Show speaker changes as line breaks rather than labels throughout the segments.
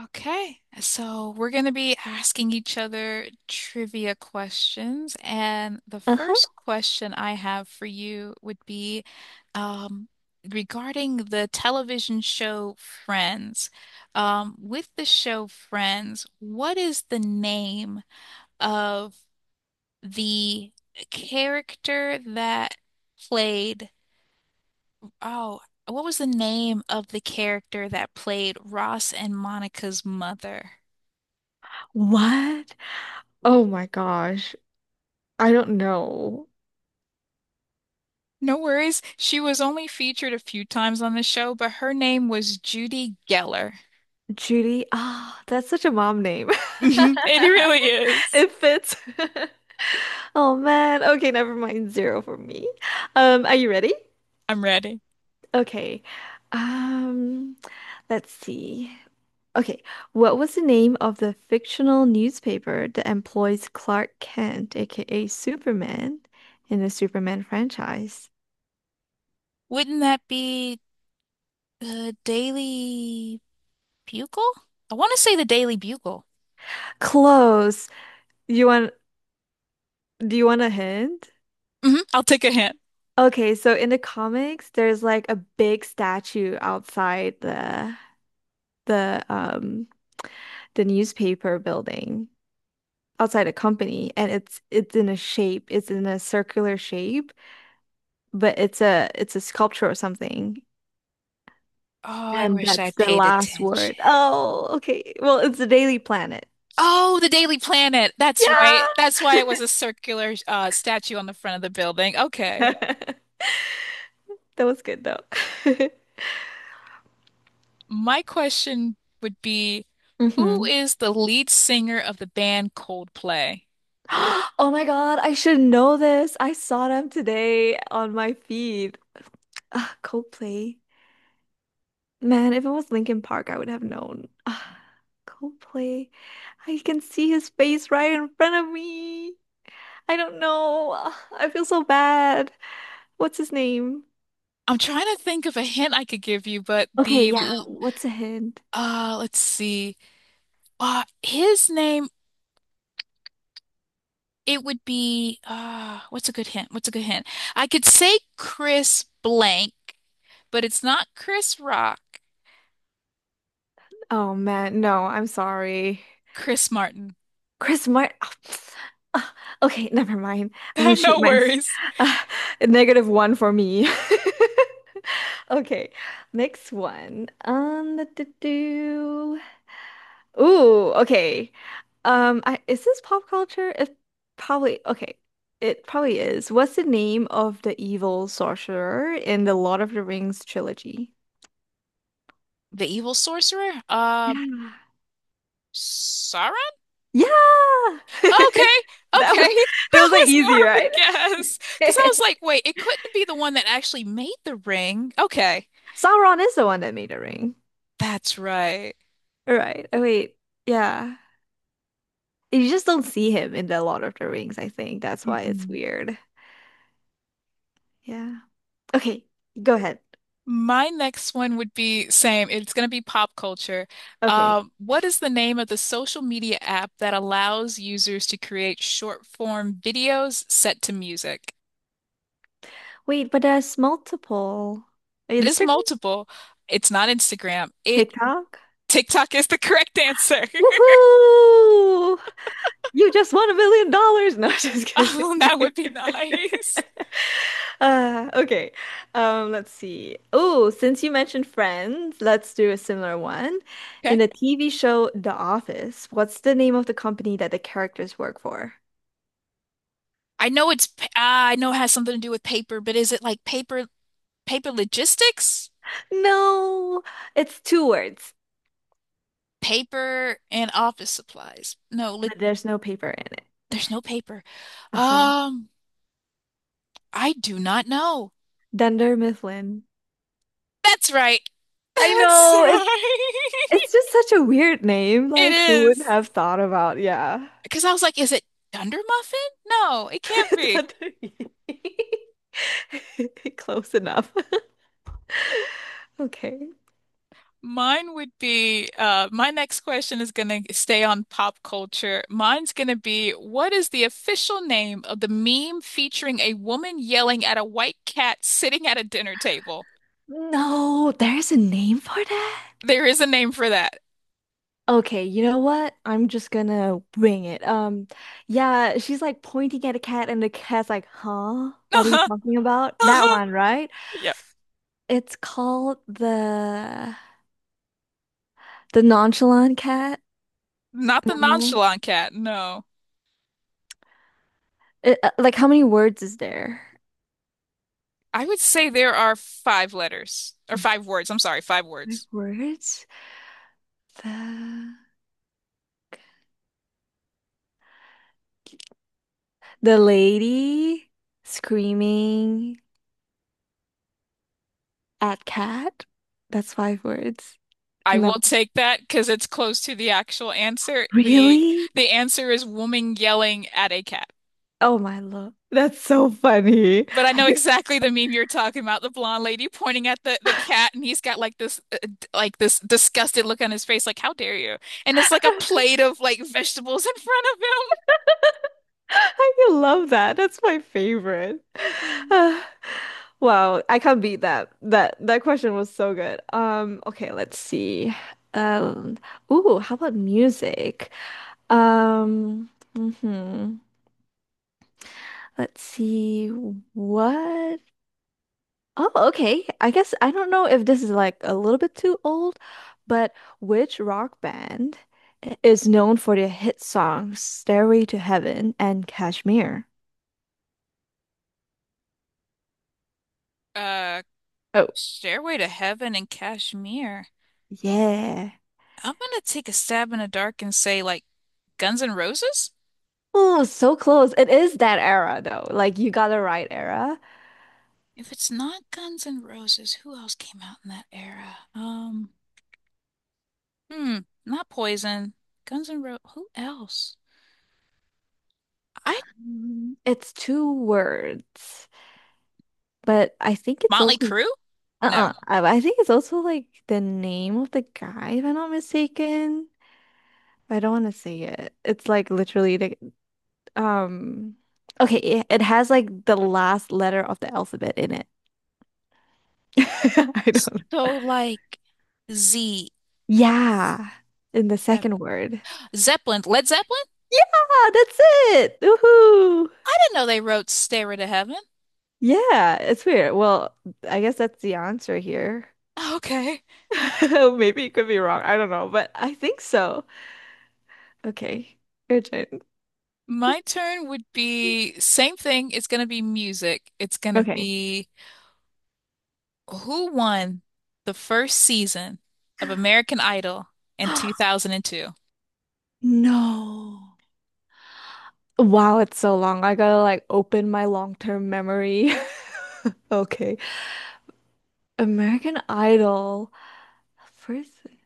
Okay, so we're going to be asking each other trivia questions. And the
Uh-huh.
first question I have for you would be um, regarding the television show Friends. With the show Friends, what is the name of the character that played? Oh, what was the name of the character that played Ross and Monica's mother?
What? Oh my gosh. I don't know.
No worries. She was only featured a few times on the show, but her name was Judy Geller.
Judy. Ah, that's such a mom name.
It really is.
It fits. Oh man. Okay, never mind. Zero for me. Are you ready?
I'm ready.
Okay. Um, let's see. Okay. What was the name of the fictional newspaper that employs Clark Kent, aka Superman, in the Superman franchise?
Wouldn't that be the Daily Bugle? I want to say the Daily Bugle.
Close. You want Do you want a hint?
Hmm, I'll take a hint.
Okay, so in the comics, there's like a big statue outside the the newspaper building outside a company, and it's in a shape, it's in a circular shape, but it's a sculpture or something,
Oh, I
and
wish I
that's the
paid
last
attention.
word. Oh, okay. Well, it's the Daily Planet.
Oh, the Daily Planet. That's
Yeah,
right. That's why it was a circular statue on the front of the building. Okay.
that was good though.
My question would be, who
hmm
is the lead singer of the band Coldplay?
Oh my God, I should know this. I saw them today on my feed. Ah, Coldplay. Man, if it was Linkin Park, I would have known. Ah, Coldplay. I can see his face right in front of me. I don't know. Ah, I feel so bad. What's his name?
I'm trying to think of a hint I could give you, but
Okay, yeah, what's a hint?
let's see. His name it would be what's a good hint? What's a good hint? I could say Chris blank, but it's not Chris Rock,
Oh man, no, I'm sorry.
Chris Martin.
Chris Martin. Okay, never mind. I'm gonna shoot
No
my
worries.
negative one for me. Okay, next one. Do. Do. Ooh, okay. Is this pop culture? It probably okay. It probably is. What's the name of the evil sorcerer in the Lord of the Rings trilogy?
The evil sorcerer?
Yeah.
Sauron?
Yeah.
Okay,
That
okay.
was that
That
was like
was
easy,
more of a
right?
guess. Because I was like, wait, it couldn't be the one that actually made the ring. Okay.
Sauron is the one that made the ring.
That's right.
Right. Oh wait. Yeah. You just don't see him in the Lord of the Rings, I think. That's why it's
Mm-mm.
weird. Yeah. Okay, go ahead.
My next one would be same. It's going to be pop culture.
Okay.
What is the name of the social media app that allows users to create short form videos set to music?
Wait, but there's multiple.
It is
Instagram,
multiple. It's not Instagram. It
TikTok.
TikTok is the correct answer.
Woohoo! You just won $1 million. No, just kidding.
Oh, that would be nice.
Okay. Let's see. Oh, since you mentioned Friends, let's do a similar one.
Okay.
In the TV show The Office, what's the name of the company that the characters work for?
I know ah, I know it has something to do with paper, but is it like paper logistics?
No, it's two words,
Paper and office supplies. No, like
but there's no paper in it.
there's no paper.
Uh-huh.
Um I do not know.
Dunder Mifflin.
That's right.
I
That's
know it's
right.
it's just such a weird name.
It
Like, who would
is.
have thought about? Yeah,
Because I was like, is it Dunder Muffin? No, it can't be.
Dunderee. Close enough. Okay.
Mine would be my next question is going to stay on pop culture. Mine's going to be what is the official name of the meme featuring a woman yelling at a white cat sitting at a dinner table?
No, there's a name for that.
There is a name for that.
Okay, you know what? I'm just gonna wing it. Yeah, she's like pointing at a cat, and the cat's like, "Huh? What are you
Uh-huh.
talking about?" That
Uh-huh.
one, right?
Yep.
It's called the nonchalant cat.
Not the
No.
nonchalant cat. No.
It, like, how many words is there?
I would say there are five letters or five words. I'm sorry, five
My
words.
words. The the lady screaming at cat. That's five words.
I
No,
will take that because it's close to the actual answer. The
really?
the answer is woman yelling at a cat.
Oh my lord, that's so funny.
But I
I
know exactly the meme you're talking about, the blonde lady pointing at the cat and he's got like this like this disgusted look on his face like how dare you? And it's like a plate of like vegetables in front of
I love that. That's my favorite.
him.
Ah, wow, I can't beat that. That question was so good. Okay, let's see. Um, ooh, how about music? Um, mhm. Let's see what Oh, okay. I guess I don't know if this is like a little bit too old, but which rock band is known for their hit songs Stairway to Heaven and Kashmir?
Uh,
Oh,
Stairway to Heaven and Kashmir.
yeah.
I'm gonna take a stab in the dark and say like Guns N' Roses?
Oh, so close. It is that era though. Like you got it right era.
If it's not Guns N' Roses, who else came out in that era? Hmm, not Poison. Guns N' Roses. Who else? I
It's two words, but I think it's
Motley
also
Crue? No.
uh-uh. I think it's also like the name of the guy, if I'm not mistaken. I don't want to say it. It's like literally the Um, okay, it has like the last letter of the alphabet in it. I don't know.
So like Z,
Yeah, in the
Zep-,
second word.
Zeppelin, Led Zeppelin?
Yeah, that's it. Woohoo.
I didn't know they wrote Stairway to Heaven.
Yeah, it's weird. Well, I guess that's the answer here.
Okay.
Maybe it could be wrong. I don't know, but I think so. Okay, your turn.
My turn would be same thing. It's gonna be music. It's gonna
Okay.
be who won the first season of American Idol in 2002?
No. Wow, it's so long. I gotta like open my long-term memory. Okay. American Idol. Person.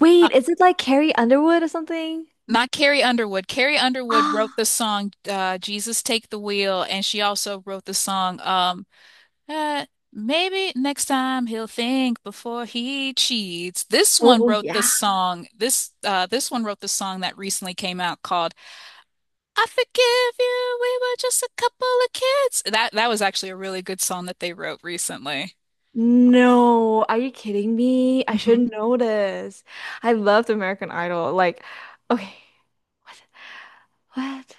Wait, is it like Carrie Underwood or something?
Not Carrie Underwood. Carrie Underwood wrote the
Ah,
song Jesus Take the Wheel, and she also wrote the song uh, Maybe Next Time He'll Think Before He Cheats. This one
oh
wrote the
yeah.
song. This this one wrote the song that recently came out called I Forgive You. We were just a couple of kids. That was actually a really good song that they wrote recently.
No, are you kidding me? I
Hmm.
should know this. I loved American Idol. Like, okay, what? What?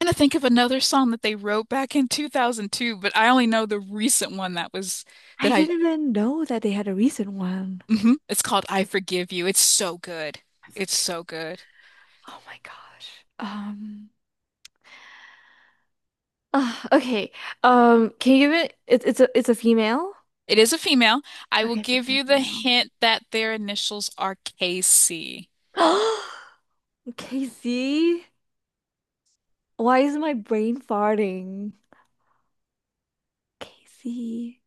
And I think of another song that they wrote back in 2002, but I only know the recent one that was
I
that I
didn't even know that they had a recent one.
hmm, it's called I Forgive You. It's so good.
I
It's
forgive
so
you.
good.
Oh my gosh. Okay. Can you give it? It's a female.
It is a female. I will
Okay, it's a
give you the
female.
hint that their initials are KC.
Casey, why is my brain farting? Casey,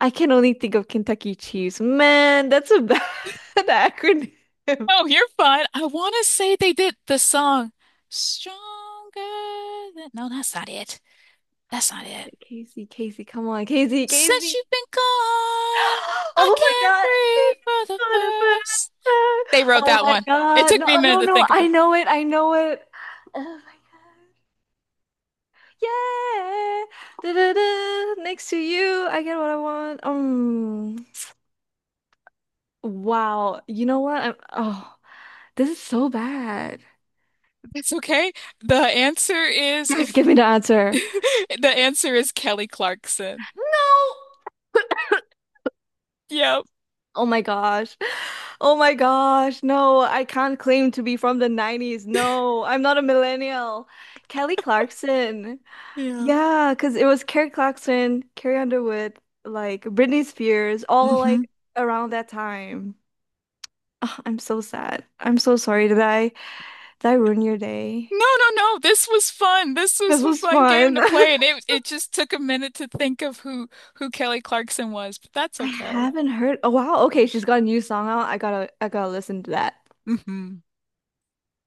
I can only think of Kentucky Chiefs. Man, that's a bad acronym.
Oh, you're fine. I want to say they did the song Stronger than... No, that's not it. That's not it.
Casey, Casey, come on, Casey,
Since
Casey.
you've been gone, I
Oh my
can't
God.
breathe for
It's
the
not a bad
first.
time.
They wrote
Oh
that
my
one. It
God.
took me a
No,
minute
no,
to
no.
think
I
about.
know it. I know it. Oh my God. Yeah. Da-da-da. Next to you. I get what I want. Wow. You know what? Oh, this is so bad.
That's okay. The answer is
Yes,
if
give me the answer.
the answer is Kelly Clarkson.
No.
Yep.
Oh my gosh. Oh my gosh. No, I can't claim to be from the 90s. No, I'm not a millennial. Kelly Clarkson.
Yeah.
Yeah, because it was Kelly Clarkson, Carrie Underwood, like Britney Spears, all
Hmm.
like around that time. Ugh, I'm so sad. I'm so sorry. Did I ruin your day?
No, no, no. This was fun. This
This
was a
was
fun game
fun.
to play, and it it just took a minute to think of who Kelly Clarkson was, but that's
I
okay.
haven't heard. Oh wow. Okay, she's got a new song out. I gotta listen to that.
Hmm.